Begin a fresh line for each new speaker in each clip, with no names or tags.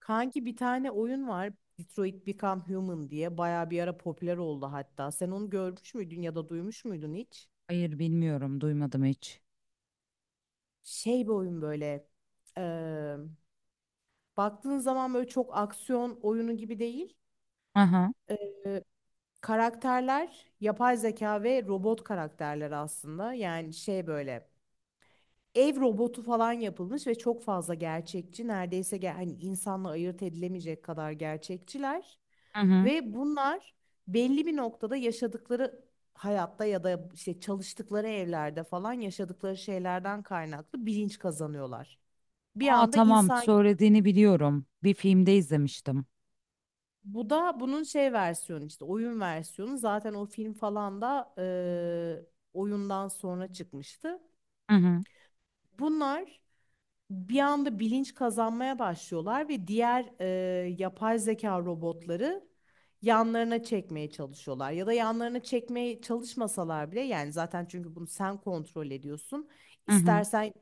Kanki bir tane oyun var. Detroit Become Human diye bayağı bir ara popüler oldu hatta. Sen onu görmüş müydün ya da duymuş muydun hiç?
Hayır bilmiyorum, duymadım hiç.
Şey bir oyun böyle. eee, Baktığın zaman böyle çok aksiyon oyunu gibi değil.
Aha,
Eee, Karakterler yapay zeka ve robot karakterler aslında. Yani şey böyle. Ev robotu falan yapılmış ve çok fazla gerçekçi. Neredeyse hani insanla ayırt edilemeyecek kadar gerçekçiler.
hı hı.
Ve bunlar belli bir noktada yaşadıkları hayatta ya da işte çalıştıkları evlerde falan yaşadıkları şeylerden kaynaklı bilinç kazanıyorlar. Bir
Aa
anda
tamam,
insan,
söylediğini biliyorum. Bir filmde izlemiştim.
bu da bunun şey versiyonu, işte oyun versiyonu, zaten o film falan da oyundan sonra çıkmıştı.
Hı hı,
Bunlar bir anda bilinç kazanmaya başlıyorlar ve diğer yapay zeka robotları yanlarına çekmeye çalışıyorlar. Ya da yanlarına çekmeye çalışmasalar bile, yani zaten çünkü bunu sen kontrol ediyorsun.
hı hı.
İstersen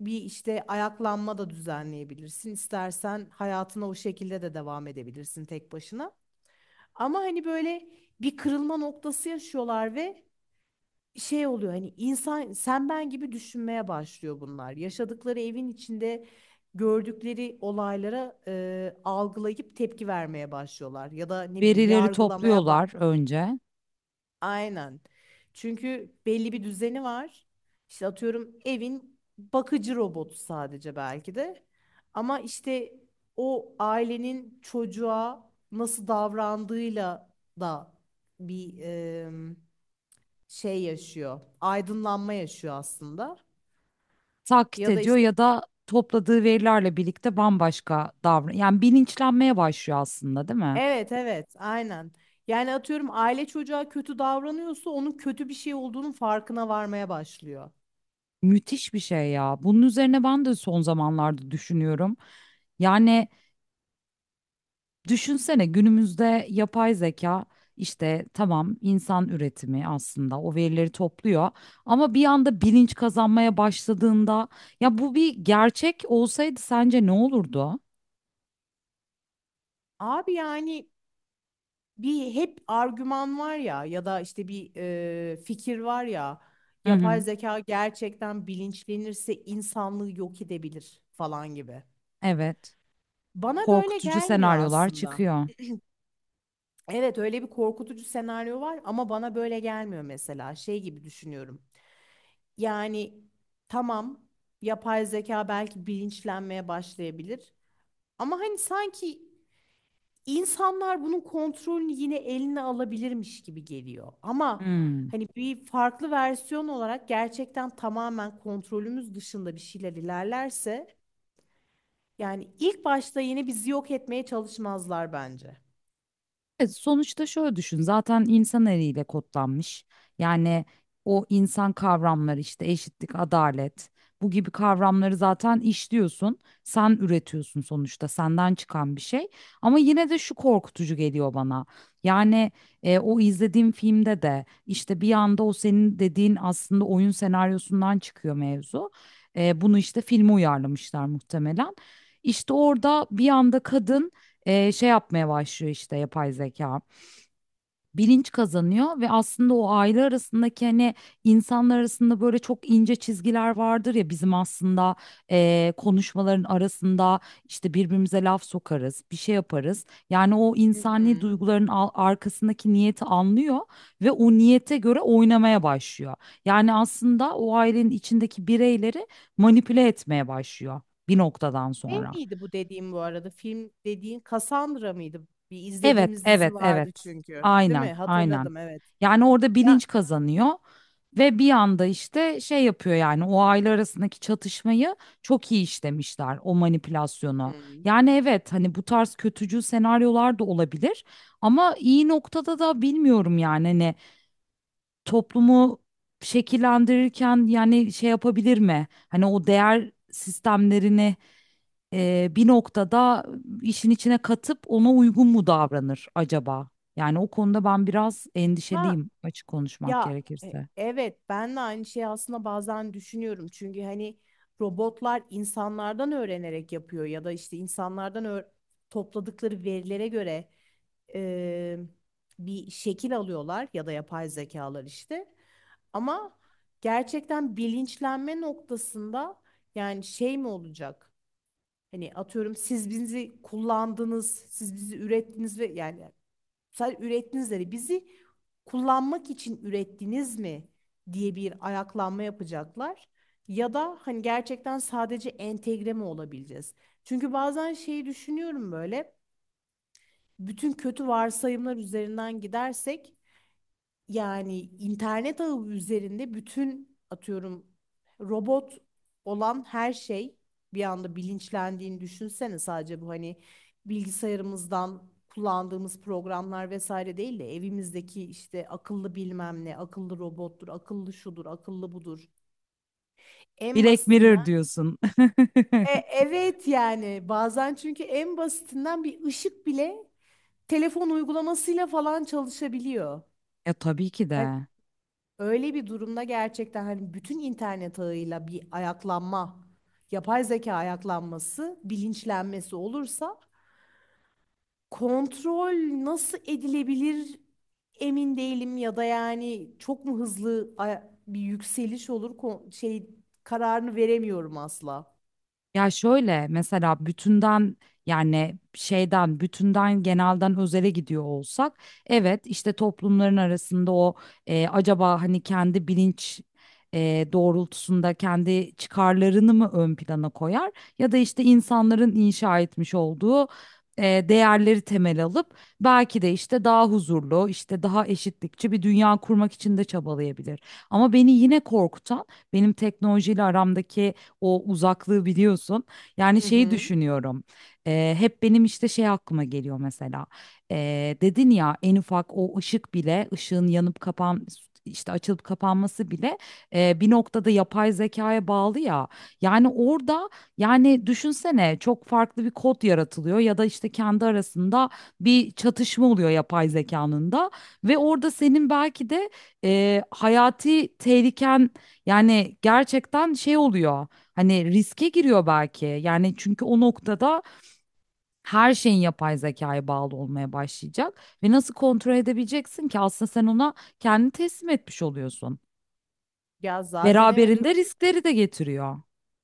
bir işte ayaklanma da düzenleyebilirsin. İstersen hayatına o şekilde de devam edebilirsin tek başına. Ama hani böyle bir kırılma noktası yaşıyorlar ve şey oluyor, hani insan sen ben gibi düşünmeye başlıyor bunlar. Yaşadıkları evin içinde gördükleri olaylara algılayıp tepki vermeye başlıyorlar ya da ne bileyim,
Verileri
yargılamaya bak.
topluyorlar önce.
Aynen. Çünkü belli bir düzeni var. İşte atıyorum evin bakıcı robotu sadece belki de. Ama işte o ailenin çocuğa nasıl davrandığıyla da bir şey yaşıyor. Aydınlanma yaşıyor aslında.
Taklit
Ya da
ediyor
işte
ya da topladığı verilerle birlikte bambaşka davran. Yani bilinçlenmeye başlıyor aslında, değil mi?
evet, evet, aynen. Yani atıyorum aile çocuğa kötü davranıyorsa onun kötü bir şey olduğunun farkına varmaya başlıyor.
Müthiş bir şey ya. Bunun üzerine ben de son zamanlarda düşünüyorum. Yani düşünsene, günümüzde yapay zeka, işte tamam, insan üretimi aslında, o verileri topluyor ama bir anda bilinç kazanmaya başladığında, ya bu bir gerçek olsaydı sence ne olurdu?
Abi yani bir hep argüman var ya, ya da işte bir fikir var ya,
Hı
yapay
hı.
zeka gerçekten bilinçlenirse insanlığı yok edebilir falan gibi.
Evet.
Bana böyle
Korkutucu
gelmiyor
senaryolar
aslında.
çıkıyor.
Evet, öyle bir korkutucu senaryo var ama bana böyle gelmiyor mesela. Şey gibi düşünüyorum. Yani tamam, yapay zeka belki bilinçlenmeye başlayabilir. Ama hani sanki insanlar bunun kontrolünü yine eline alabilirmiş gibi geliyor. Ama
Hmm.
hani bir farklı versiyon olarak gerçekten tamamen kontrolümüz dışında bir şeyler ilerlerse, yani ilk başta yine bizi yok etmeye çalışmazlar bence.
Sonuçta şöyle düşün, zaten insan eliyle kodlanmış, yani o insan kavramları, işte eşitlik, adalet, bu gibi kavramları zaten işliyorsun, sen üretiyorsun, sonuçta senden çıkan bir şey, ama yine de şu korkutucu geliyor bana. Yani o izlediğim filmde de işte bir anda o senin dediğin aslında oyun senaryosundan çıkıyor mevzu. E, bunu işte filme uyarlamışlar muhtemelen. İşte orada bir anda kadın, şey yapmaya başlıyor işte yapay zeka. Bilinç kazanıyor ve aslında o aile arasındaki, hani insanlar arasında böyle çok ince çizgiler vardır ya bizim aslında, konuşmaların arasında, işte birbirimize laf sokarız, bir şey yaparız. Yani o
Hı
insani
hı.
duyguların arkasındaki niyeti anlıyor ve o niyete göre oynamaya başlıyor. Yani aslında o ailenin içindeki bireyleri manipüle etmeye başlıyor bir noktadan
Ne
sonra.
miydi bu dediğim bu arada? Film dediğin Cassandra mıydı? Bir
Evet,
izlediğimiz dizi
evet, evet.
vardı çünkü. Değil
Aynen,
mi?
aynen.
Hatırladım, evet.
Yani orada
Ya,
bilinç kazanıyor ve bir anda işte şey yapıyor, yani o aile arasındaki çatışmayı çok iyi işlemişler, o manipülasyonu.
hmm.
Yani evet, hani bu tarz kötücül senaryolar da olabilir ama iyi noktada da bilmiyorum, yani hani toplumu şekillendirirken yani şey yapabilir mi? Hani o değer sistemlerini bir noktada işin içine katıp ona uygun mu davranır acaba? Yani o konuda ben biraz
Ha,
endişeliyim, açık konuşmak
ya,
gerekirse.
evet ben de aynı şeyi aslında bazen düşünüyorum. Çünkü hani robotlar insanlardan öğrenerek yapıyor ya da işte topladıkları verilere göre e, bir şekil alıyorlar ya da yapay zekalar işte. Ama gerçekten bilinçlenme noktasında yani şey mi olacak? Hani atıyorum, siz bizi kullandınız, siz bizi ürettiniz ve yani sadece ürettiğinizleri, bizi kullanmak için ürettiniz mi diye bir ayaklanma yapacaklar. Ya da hani gerçekten sadece entegre mi olabileceğiz? Çünkü bazen şeyi düşünüyorum böyle. Bütün kötü varsayımlar üzerinden gidersek, yani internet ağı üzerinde bütün atıyorum robot olan her şey bir anda bilinçlendiğini düşünsene. Sadece bu, hani bilgisayarımızdan kullandığımız programlar vesaire değil de evimizdeki işte akıllı bilmem ne, akıllı robottur, akıllı şudur, akıllı budur. En
Black Mirror
basitinden.
diyorsun.
Evet, yani bazen çünkü en basitinden bir ışık bile telefon uygulamasıyla falan çalışabiliyor.
Ya tabii ki
Hani
de.
öyle bir durumda gerçekten hani bütün internet ağıyla bir ayaklanma, yapay zeka ayaklanması, bilinçlenmesi olursa kontrol nasıl edilebilir emin değilim, ya da yani çok mu hızlı bir yükseliş olur, şey, kararını veremiyorum asla.
Ya şöyle mesela bütünden, yani bütünden genelden özele gidiyor olsak, evet işte toplumların arasında o, acaba hani kendi bilinç doğrultusunda kendi çıkarlarını mı ön plana koyar, ya da işte insanların inşa etmiş olduğu e, değerleri temel alıp belki de işte daha huzurlu, işte daha eşitlikçi bir dünya kurmak için de çabalayabilir. Ama beni yine korkutan, benim teknolojiyle aramdaki o uzaklığı biliyorsun. Yani
Hı
şeyi
hı.
düşünüyorum. Hep benim işte şey aklıma geliyor mesela. Dedin ya, en ufak o ışık bile, ışığın yanıp kapan, işte açılıp kapanması bile bir noktada yapay zekaya bağlı ya. Yani orada, yani düşünsene, çok farklı bir kod yaratılıyor ya da işte kendi arasında bir çatışma oluyor yapay zekanın da, ve orada senin belki de hayati tehliken, yani gerçekten şey oluyor. Hani riske giriyor belki. Yani çünkü o noktada her şeyin yapay zekaya bağlı olmaya başlayacak ve nasıl kontrol edebileceksin ki, aslında sen ona kendini teslim etmiş oluyorsun.
Ya zaten evet,
Beraberinde riskleri de getiriyor.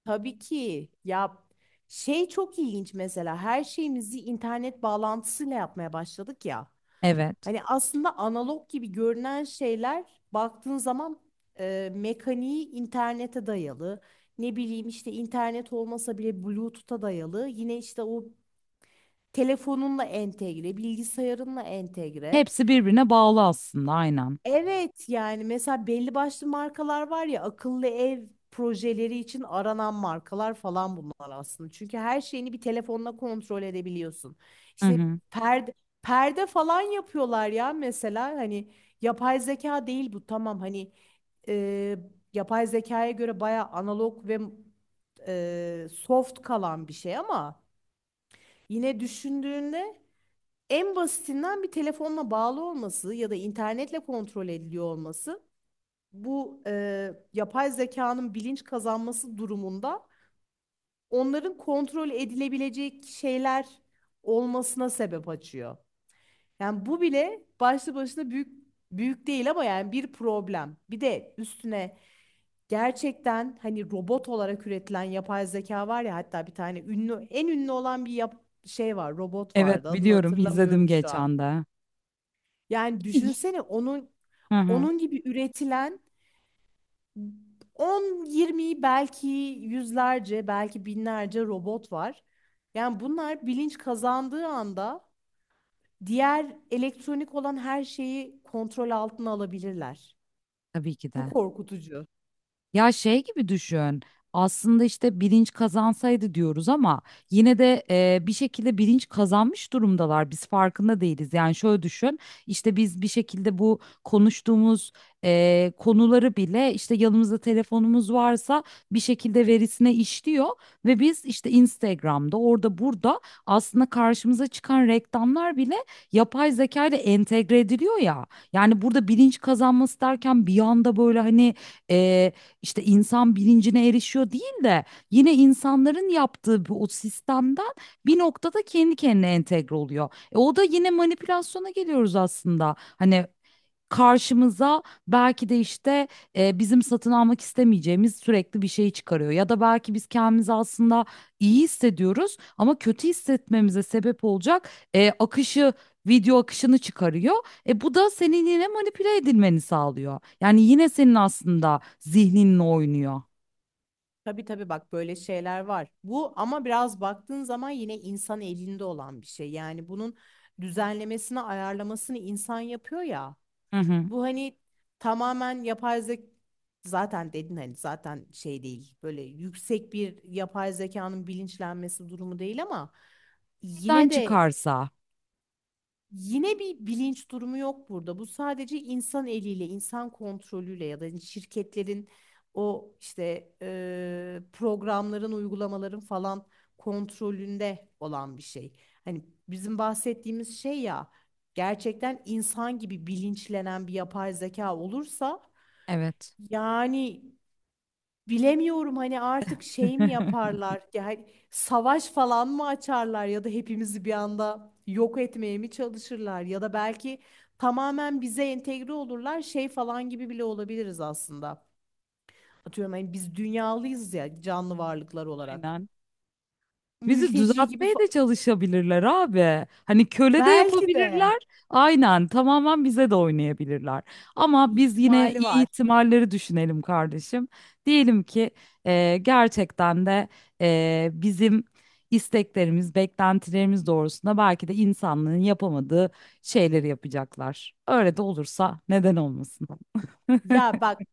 tabii ki ya, şey çok ilginç mesela, her şeyimizi internet bağlantısıyla yapmaya başladık ya.
Evet.
Hani aslında analog gibi görünen şeyler baktığın zaman mekaniği internete dayalı. Ne bileyim işte, internet olmasa bile Bluetooth'a dayalı. Yine işte o telefonunla entegre, bilgisayarınla entegre.
Hepsi birbirine bağlı aslında, aynen.
Evet, yani mesela belli başlı markalar var ya akıllı ev projeleri için aranan markalar falan, bunlar aslında. Çünkü her şeyini bir telefonla kontrol edebiliyorsun.
Hı
İşte
hı.
perde perde falan yapıyorlar ya mesela, hani yapay zeka değil bu, tamam hani e, yapay zekaya göre baya analog ve soft kalan bir şey ama yine düşündüğünde en basitinden bir telefonla bağlı olması ya da internetle kontrol ediliyor olması, bu yapay zekanın bilinç kazanması durumunda onların kontrol edilebilecek şeyler olmasına sebep açıyor. Yani bu bile başlı başına büyük, büyük değil ama yani bir problem. Bir de üstüne gerçekten hani robot olarak üretilen yapay zeka var ya, hatta bir tane ünlü, en ünlü olan bir şey var, robot vardı,
Evet,
adını
biliyorum, izledim
hatırlamıyorum şu an.
geçen de.
Yani düşünsene onun
Hı hı.
onun gibi üretilen 10, 20 belki, yüzlerce, belki binlerce robot var. Yani bunlar bilinç kazandığı anda diğer elektronik olan her şeyi kontrol altına alabilirler.
Tabii ki
Bu
de.
korkutucu.
Ya şey gibi düşün. Aslında işte bilinç kazansaydı diyoruz ama yine de bir şekilde bilinç kazanmış durumdalar. Biz farkında değiliz. Yani şöyle düşün. İşte biz bir şekilde bu konuştuğumuz konuları bile, işte yanımızda telefonumuz varsa bir şekilde verisine işliyor ve biz işte Instagram'da orada burada aslında karşımıza çıkan reklamlar bile yapay zeka ile entegre ediliyor ya. Yani burada bilinç kazanması derken bir anda böyle hani, e, işte insan bilincine erişiyor değil de, yine insanların yaptığı bu o sistemden bir noktada kendi kendine entegre oluyor. E, o da yine manipülasyona geliyoruz aslında. Hani karşımıza belki de işte, bizim satın almak istemeyeceğimiz sürekli bir şey çıkarıyor. Ya da belki biz kendimizi aslında iyi hissediyoruz ama kötü hissetmemize sebep olacak akışı, video akışını çıkarıyor. E bu da senin yine manipüle edilmeni sağlıyor. Yani yine senin aslında zihninle oynuyor.
Tabii, tabii, bak böyle şeyler var. Bu ama biraz baktığın zaman yine insan elinde olan bir şey. Yani bunun düzenlemesini, ayarlamasını insan yapıyor ya.
Hı hı.
Bu hani tamamen yapay zeka, zaten dedin hani, zaten şey değil, böyle yüksek bir yapay zekanın bilinçlenmesi durumu değil ama
Nereden
yine de
çıkarsa.
yine bir bilinç durumu yok burada. Bu sadece insan eliyle, insan kontrolüyle ya da hani şirketlerin, o işte programların, uygulamaların falan kontrolünde olan bir şey. Hani bizim bahsettiğimiz şey ya, gerçekten insan gibi bilinçlenen bir yapay zeka olursa
Evet.
yani, bilemiyorum, hani artık şey mi yaparlar? Yani savaş falan mı açarlar ya da hepimizi bir anda yok etmeye mi çalışırlar ya da belki tamamen bize entegre olurlar, şey falan gibi bile olabiliriz aslında. Atıyorum hani biz dünyalıyız ya, canlı varlıklar olarak.
Aynen. Bizi
Mülteci gibi
düzeltmeye
fa-
de çalışabilirler abi. Hani köle de
Belki de
yapabilirler. Aynen, tamamen bize de oynayabilirler. Ama biz yine
ihtimali
iyi
var.
ihtimalleri düşünelim kardeşim. Diyelim ki gerçekten de bizim isteklerimiz, beklentilerimiz doğrusunda belki de insanlığın yapamadığı şeyleri yapacaklar. Öyle de olursa neden olmasın?
Ya bak,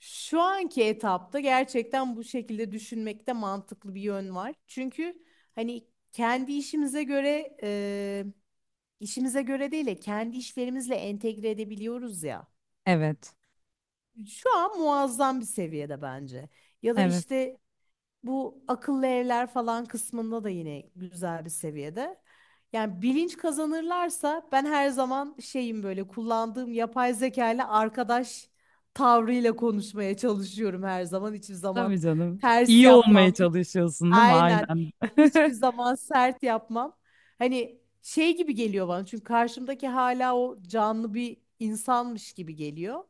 şu anki etapta gerçekten bu şekilde düşünmekte mantıklı bir yön var. Çünkü hani kendi işimize göre değil de kendi işlerimizle entegre edebiliyoruz ya.
Evet,
Şu an muazzam bir seviyede bence. Ya da
evet.
işte bu akıllı evler falan kısmında da yine güzel bir seviyede. Yani bilinç kazanırlarsa ben her zaman şeyim, böyle kullandığım yapay zeka ile arkadaş tavrıyla konuşmaya çalışıyorum her zaman. Hiçbir
Tabii
zaman
canım.
ters
İyi olmaya
yapmam.
çalışıyorsun değil mi?
Aynen.
Aynen.
Hiçbir zaman sert yapmam. Hani şey gibi geliyor bana, çünkü karşımdaki hala o canlı bir insanmış gibi geliyor.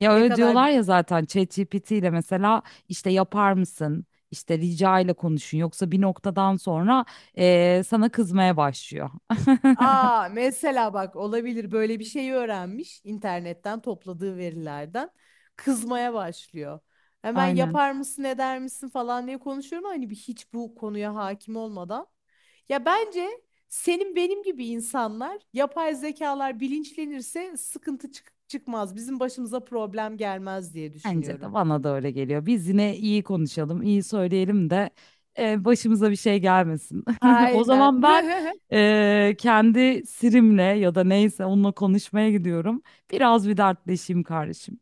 Ya
Ne
öyle
kadar...
diyorlar ya zaten, ChatGPT ile mesela işte yapar mısın, İşte rica ile konuşun, yoksa bir noktadan sonra sana kızmaya başlıyor.
Aa, mesela bak, olabilir, böyle bir şeyi öğrenmiş internetten topladığı verilerden, kızmaya başlıyor. Hemen
Aynen.
yapar mısın, eder misin falan diye konuşuyorum ama hani bir hiç bu konuya hakim olmadan. Ya bence senin benim gibi insanlar, yapay zekalar bilinçlenirse sıkıntı çıkmaz. Bizim başımıza problem gelmez diye
Bence de,
düşünüyorum.
bana da öyle geliyor. Biz yine iyi konuşalım, iyi söyleyelim de başımıza bir şey gelmesin. O
Aynen.
zaman ben kendi Siri'mle ya da neyse onunla konuşmaya gidiyorum. Biraz bir dertleşeyim kardeşim.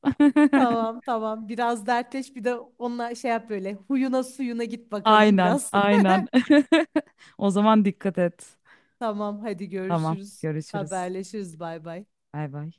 Tamam, tamam, biraz dertleş, bir de onunla şey yap, böyle huyuna suyuna git bakalım
Aynen,
biraz.
aynen. O zaman dikkat et.
Tamam, hadi
Tamam,
görüşürüz.
görüşürüz.
Haberleşiriz, bay bay.
Bay bay.